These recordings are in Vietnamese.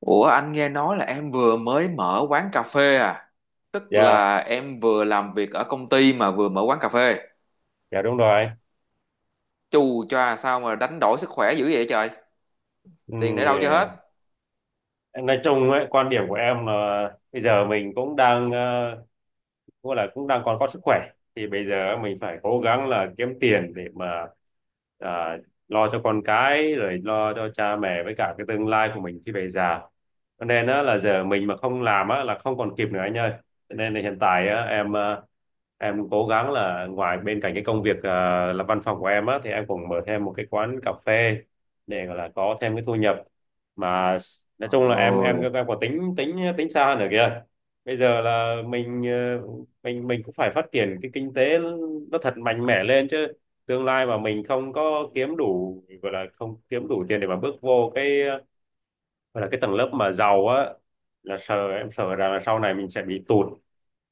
Ủa, anh nghe nói là em vừa mới mở quán cà phê à? Tức Dạ, là em vừa làm việc ở công ty mà vừa mở quán cà phê. dạ, đúng rồi. Chù choa, sao mà đánh đổi sức khỏe dữ vậy trời? Tiền để Ừm, đâu cho hết? ờ, nói chung ấy, quan điểm của em là bây giờ mình cũng đang cũng đang còn có sức khỏe, thì bây giờ mình phải cố gắng là kiếm tiền để mà à, lo cho con cái, rồi lo cho cha mẹ với cả cái tương lai của mình khi về già. Cho nên á, là giờ mình mà không làm á, là không còn kịp nữa anh ơi. Cho nên là hiện tại á, em cố gắng là ngoài bên cạnh cái công việc là văn phòng của em á, thì em cũng mở thêm một cái quán cà phê để gọi là có thêm cái thu nhập mà. Nói Trời chung là em em ơi! em có tính tính tính xa nữa kìa. Bây giờ là mình ờ, mình cũng phải phát triển cái kinh tế nó thật mạnh mẽ lên chứ. Tương lai mà mình không có kiếm đủ, gọi là không kiếm đủ tiền để mà bước vô cái gọi là cái tầng lớp mà giàu á, là sợ em sợ rằng là sau này mình sẽ bị tụt,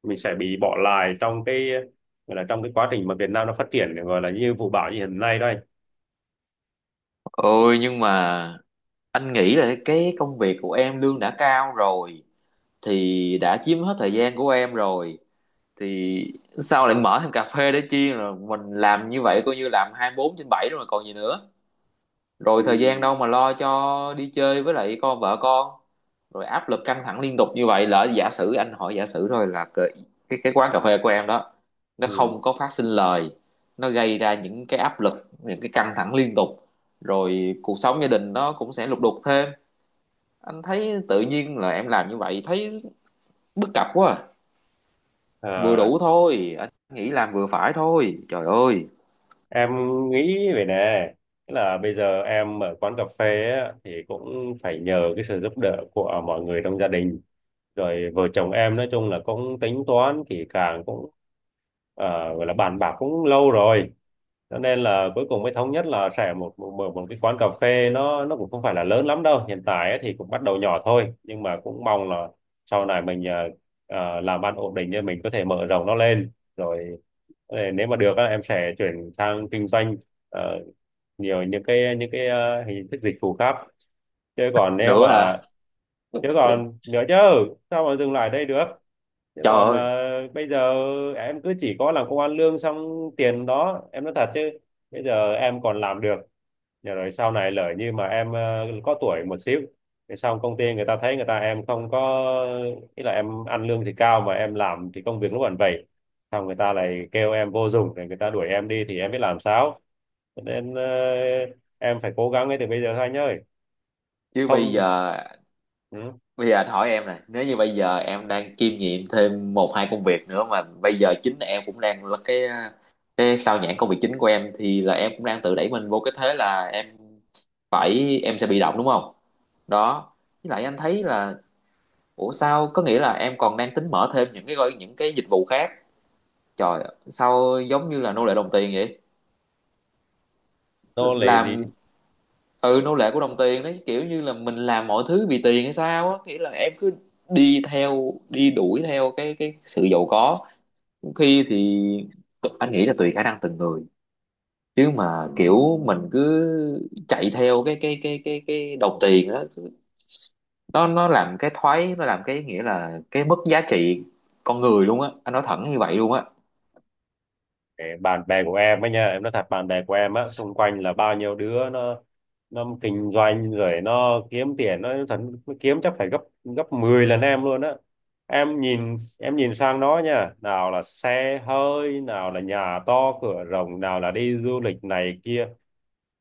mình sẽ bị bỏ lại trong cái gọi là trong cái quá trình mà Việt Nam nó phát triển, gọi là như vụ bão như hiện nay đó anh. Ôi, nhưng mà anh nghĩ là cái công việc của em lương đã cao rồi, thì đã chiếm hết thời gian của em rồi, thì sao lại mở thêm cà phê để chi? Rồi mình làm như vậy coi như làm 24/7 rồi mà còn gì nữa. Rồi Ừ. thời gian đâu mà lo cho đi chơi với lại con vợ con? Rồi áp lực căng thẳng liên tục như vậy, lỡ, giả sử anh hỏi giả sử thôi, là cái quán cà phê của em đó nó Ừ. không có phát sinh lời, nó gây ra những cái áp lực, những cái căng thẳng liên tục, rồi cuộc sống gia đình nó cũng sẽ lục đục thêm. Anh thấy tự nhiên là em làm như vậy thấy bất cập quá à. Vừa Ờ, đủ thôi, anh nghĩ làm vừa phải thôi, trời ơi! em nghĩ về nè. Tức là bây giờ em ở quán cà phê á, thì cũng phải nhờ cái sự giúp đỡ của mọi người trong gia đình. Rồi vợ chồng em nói chung là cũng tính toán kỹ càng, cũng à, gọi là bàn bạc cũng lâu rồi, cho nên là cuối cùng mới thống nhất là sẽ một một, một một cái quán cà phê. Nó cũng không phải là lớn lắm đâu, hiện tại ấy thì cũng bắt đầu nhỏ thôi, nhưng mà cũng mong là sau này mình làm ăn ổn định nên mình có thể mở rộng nó lên. Rồi nếu mà được á, em sẽ chuyển sang kinh doanh ờ, nhiều những cái hình thức dịch vụ khác. chứ còn nếu Nữa hả? mà Chứ còn nữa chứ, sao mà dừng lại đây được. Chứ Trời còn ơi. mà Bây giờ em cứ chỉ có làm công ăn lương, xong tiền đó em nói thật chứ, bây giờ em còn làm được. Nhờ rồi sau này lỡ như mà em có tuổi một xíu thì xong công ty người ta thấy người ta em không có, ý là em ăn lương thì cao mà em làm thì công việc lúc còn vậy, xong người ta lại kêu em vô dụng rồi người ta đuổi em đi thì em biết làm sao. Cho nên em phải cố gắng ngay từ bây giờ thôi anh ơi. Chứ bây Không, giờ. ừ, Bây giờ anh hỏi em này, nếu như bây giờ em đang kiêm nhiệm thêm một hai công việc nữa mà bây giờ chính em cũng đang là cái sao nhãng công việc chính của em, thì là em cũng đang tự đẩy mình vô cái thế là em phải em sẽ bị động, đúng không? Đó. Với lại anh thấy là, ủa sao có nghĩa là em còn đang tính mở thêm những cái dịch vụ khác. Trời, sao giống như là nô lệ đồng tiền vậy? nô lệ gì. Làm, ừ, nô lệ của đồng tiền đấy, kiểu như là mình làm mọi thứ vì tiền hay sao á, nghĩa là em cứ đi theo đi đuổi theo cái sự giàu có. Khi thì anh nghĩ là tùy khả năng từng người, chứ mà kiểu mình cứ chạy theo cái đồng tiền á, nó làm cái thoái, nó làm cái, nghĩa là cái mất giá trị con người luôn á, anh nói thẳng như vậy luôn á. Để bạn bè của em ấy nha, em nói thật, bạn bè của em á, xung quanh là bao nhiêu đứa nó kinh doanh rồi nó kiếm tiền nó thật, nó kiếm chắc phải gấp gấp 10 lần em luôn á. Em nhìn sang nó nha, nào là xe hơi, nào là nhà to cửa rộng, nào là đi du lịch này kia.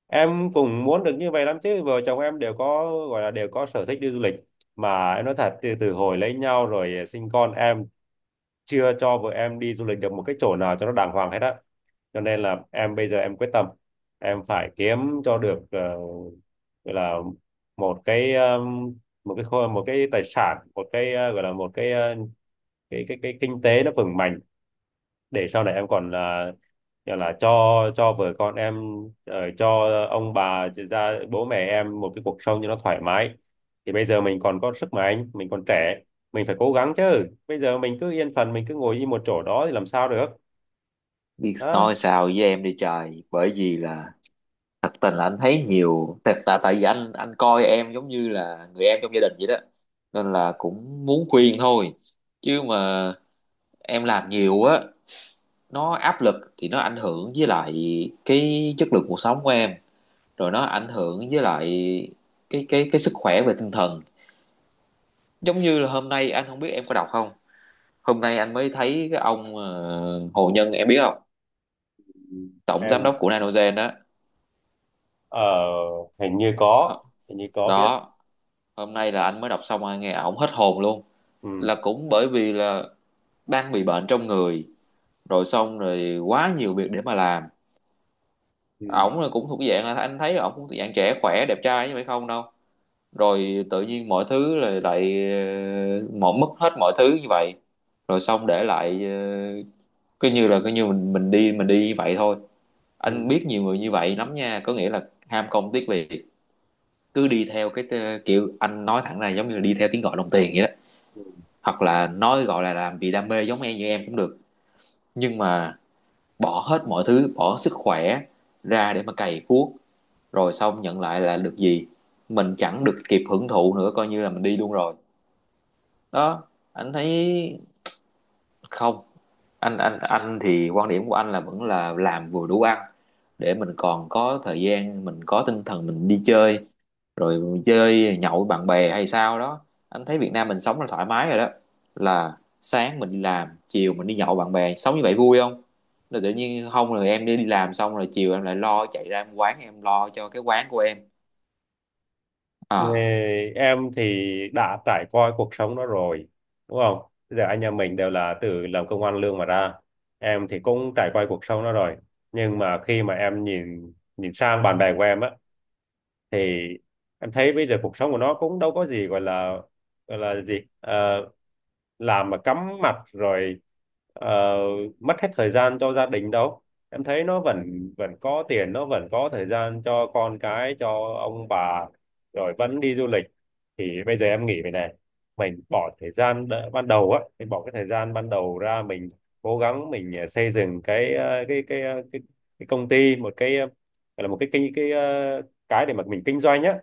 Em cũng muốn được như vậy lắm chứ, vợ chồng em đều có, gọi là đều có sở thích đi du lịch, mà em nói thật, từ từ hồi lấy nhau rồi sinh con, em chưa cho vợ em đi du lịch được một cái chỗ nào cho nó đàng hoàng hết á. Cho nên là em bây giờ em quyết tâm em phải kiếm cho được gọi là một cái, một cái một cái tài sản, một cái gọi là một cái cái kinh tế nó vững mạnh để sau này em còn là gọi là cho vợ con em, cho ông bà, cho ra bố mẹ em một cái cuộc sống cho nó thoải mái. Thì bây giờ mình còn có sức mạnh, mình còn trẻ, mình phải cố gắng chứ. Bây giờ mình cứ yên phận, mình cứ ngồi yên một chỗ đó thì làm sao được. Biết Đó. nói sao với em đi trời, bởi vì là thật tình là anh thấy nhiều thật, là tại vì anh coi em giống như là người em trong gia đình vậy đó, nên là cũng muốn khuyên thôi. Chứ mà em làm nhiều á nó áp lực, thì nó ảnh hưởng với lại cái chất lượng cuộc sống của em, rồi nó ảnh hưởng với lại cái sức khỏe về tinh thần. Giống như là hôm nay anh không biết em có đọc không, hôm nay anh mới thấy cái ông Hồ Nhân em biết không? Ừ. Tổng giám Em đốc của Nanogen đó. ờ, hình như có hình như có biết. Đó, hôm nay là anh mới đọc xong, anh nghe ổng hết hồn luôn. Ừ. Là cũng bởi vì là đang bị bệnh trong người, rồi xong rồi quá nhiều việc để mà làm. Ừ. Ổng là cũng thuộc dạng là, anh thấy ổng cũng thuộc dạng trẻ khỏe đẹp trai như vậy không đâu. Rồi tự nhiên mọi thứ là lại, một mất hết mọi thứ như vậy, rồi xong để lại cứ như mình đi mình đi như vậy thôi. Anh Ừ. biết nhiều người như vậy lắm nha, có nghĩa là ham công tiếc việc, cứ đi theo kiểu, anh nói thẳng ra, giống như là đi theo tiếng gọi đồng tiền vậy đó. Ừ. Hoặc là nói gọi là làm vì đam mê giống em như em cũng được, nhưng mà bỏ hết mọi thứ, bỏ sức khỏe ra để mà cày cuốc, rồi xong nhận lại là được gì? Mình chẳng được kịp hưởng thụ nữa, coi như là mình đi luôn rồi. Đó, anh thấy không, anh thì quan điểm của anh là vẫn là làm vừa đủ ăn, để mình còn có thời gian, mình có tinh thần mình đi chơi, rồi mình chơi nhậu với bạn bè hay sao đó. Anh thấy Việt Nam mình sống là thoải mái rồi đó, là sáng mình đi làm, chiều mình đi nhậu với bạn bè, sống như vậy vui không? Rồi tự nhiên không, rồi em đi làm xong rồi chiều em lại lo chạy ra em quán, em lo cho cái quán của em Ờ, à. em thì đã trải qua cuộc sống đó rồi, đúng không. Bây giờ anh em mình đều là từ làm công ăn lương mà ra, em thì cũng trải qua cuộc sống đó rồi, nhưng mà khi mà em nhìn nhìn sang bạn bè của em á, thì em thấy bây giờ cuộc sống của nó cũng đâu có gì gọi là, gọi là gì. Ờ, làm mà cắm mặt rồi ờ, mất hết thời gian cho gia đình đâu. Em thấy nó vẫn vẫn có tiền, nó vẫn có thời gian cho con cái, cho ông bà, rồi vẫn đi du lịch. Thì bây giờ em nghĩ vậy này, mình bỏ thời gian ban đầu á, mình bỏ cái thời gian ban đầu ra, mình cố gắng mình xây dựng cái công ty, một cái gọi là một cái để mà mình kinh doanh á,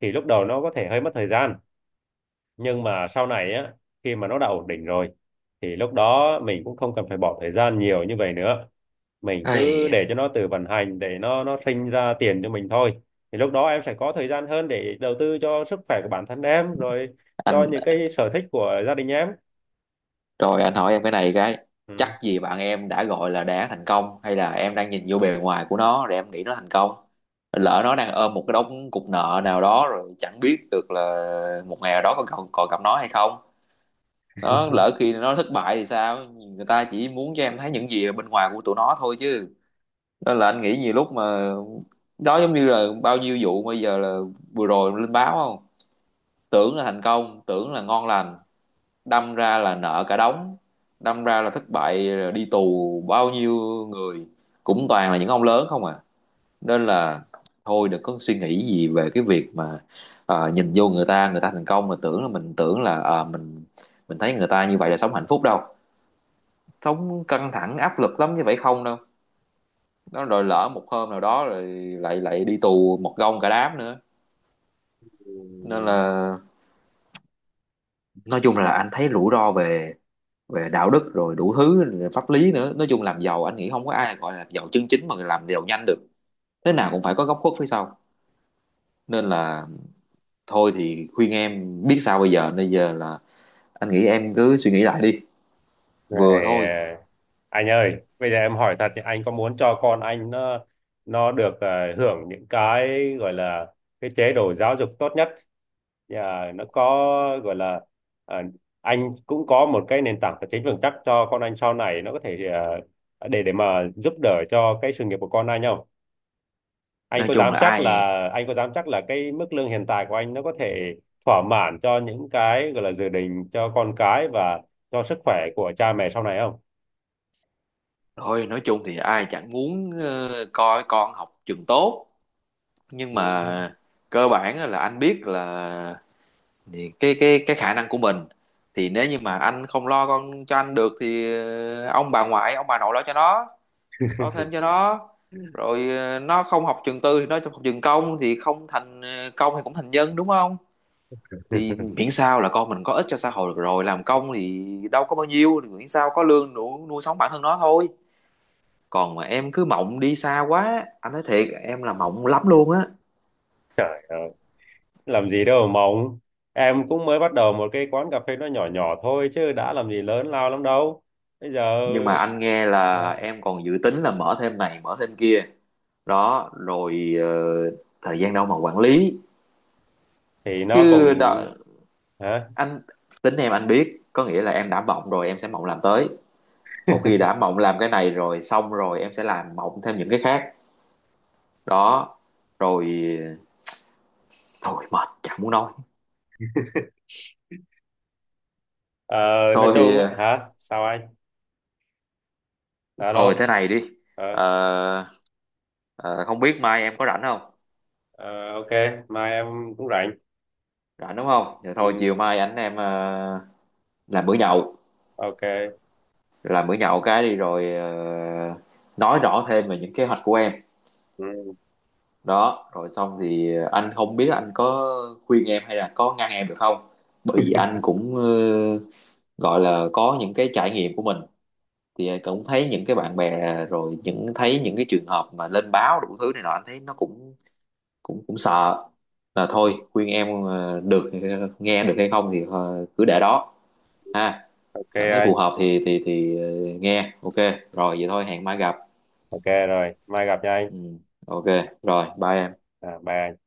thì lúc đầu nó có thể hơi mất thời gian, nhưng mà sau này á, khi mà nó đã ổn định rồi thì lúc đó mình cũng không cần phải bỏ thời gian nhiều như vậy nữa, mình cứ Ây, để cho nó tự vận hành để nó sinh ra tiền cho mình thôi. Thì lúc đó em sẽ có thời gian hơn để đầu tư cho sức khỏe của bản thân em rồi, cho những anh, cái sở thích của gia đình em. rồi anh hỏi em cái này, cái, chắc Ừ. gì bạn em đã gọi là đã thành công, hay là em đang nhìn vô bề ngoài của nó rồi em nghĩ nó thành công? Lỡ nó đang ôm một cái đống cục nợ nào đó rồi chẳng biết được là một ngày nào đó còn còn, còn gặp nó hay không? Nó lỡ khi nó thất bại thì sao, người ta chỉ muốn cho em thấy những gì ở bên ngoài của tụi nó thôi chứ. Nên là anh nghĩ nhiều lúc mà, đó giống như là bao nhiêu vụ bây giờ là vừa rồi lên báo không, tưởng là thành công tưởng là ngon lành, đâm ra là nợ cả đống, đâm ra là thất bại đi tù bao nhiêu người, cũng toàn là những ông lớn không à. Nên là thôi đừng có suy nghĩ gì về cái việc mà nhìn vô người ta, người ta thành công mà tưởng là mình tưởng là mình thấy người ta như vậy là sống hạnh phúc đâu. Sống căng thẳng áp lực lắm, như vậy không đâu. Nó rồi lỡ một hôm nào đó rồi lại lại đi tù một gông cả đám nữa. Nên Ừ. là nói chung là anh thấy rủi ro về về đạo đức rồi đủ thứ pháp lý nữa. Nói chung làm giàu anh nghĩ không có ai gọi là giàu chân chính mà làm giàu nhanh được, thế nào cũng phải có góc khuất phía sau. Nên là thôi thì khuyên em biết sao bây giờ là anh nghĩ em cứ suy nghĩ lại đi, vừa Rồi, thôi. Anh ơi, bây giờ em hỏi thật thì anh có muốn cho con anh nó được hưởng những cái gọi là cái chế độ giáo dục tốt nhất. Nhà nó có, gọi là ờ, anh cũng có một cái nền tảng tài chính vững chắc cho con anh sau này, nó có thể để mà giúp đỡ cho cái sự nghiệp của con anh không? Anh nói có chung dám là chắc ai là, anh có dám chắc là cái mức lương hiện tại của anh nó có thể thỏa mãn cho những cái gọi là dự định cho con cái và cho sức khỏe của cha mẹ sau này không? thôi nói chung thì ai chẳng muốn coi con học trường tốt, nhưng mà cơ bản là anh biết là thì cái khả năng của mình, thì nếu như mà anh không lo con cho anh được thì ông bà ngoại ông bà nội lo cho nó, lo thêm cho nó. Ừ. Rồi nó không học trường tư thì nó học trường công, thì không thành công thì cũng thành nhân, đúng không? Thì miễn sao là con mình có ích cho xã hội được rồi, làm công thì đâu có bao nhiêu, thì miễn sao có lương đủ nuôi sống bản thân nó thôi. Còn mà em cứ mộng đi xa quá, anh nói thiệt em là mộng lắm luôn á. Trời ơi, làm gì đâu mà mộng. Em cũng mới bắt đầu một cái quán cà phê nó nhỏ nhỏ thôi chứ đã làm gì lớn lao lắm đâu. Bây giờ Nhưng mà anh nghe hả? là em còn dự tính là mở thêm này mở thêm kia, đó rồi thời gian đâu mà quản lý? Thì nó cũng, Chứ đó, hả? anh tính em anh biết, có nghĩa là em đã mộng rồi em sẽ mộng làm tới, một khi đã mộng làm cái này rồi xong rồi em sẽ làm mộng thêm những cái khác. Đó rồi, thôi mệt chẳng muốn nói. Ờ, nói Thôi thì chung á, hả? Sao anh? thôi thế Alo. này đi. Ờ, Ờ, không biết mai em có rảnh không? ờ, ok, mai em cũng rảnh. Rảnh, đúng không? Vậy Ừ, thôi chiều mai anh em làm bữa nhậu, ok. Cái đi rồi nói rõ thêm về những kế hoạch của em. Ừ, Đó rồi xong thì anh không biết anh có khuyên em hay là có ngăn em được không, bởi vì anh cũng gọi là có những cái trải nghiệm của mình, thì cũng thấy những cái bạn bè à, rồi thấy những cái trường hợp mà lên báo đủ thứ này nọ anh thấy nó cũng cũng cũng sợ. Là thôi khuyên em được, nghe được hay không thì cứ để đó ha. ok Cảm thấy phù anh. hợp thì nghe ok. Rồi vậy thôi hẹn mai gặp. Ok rồi, mai gặp nha anh. Ừ, ok, rồi bye em. À, bye anh.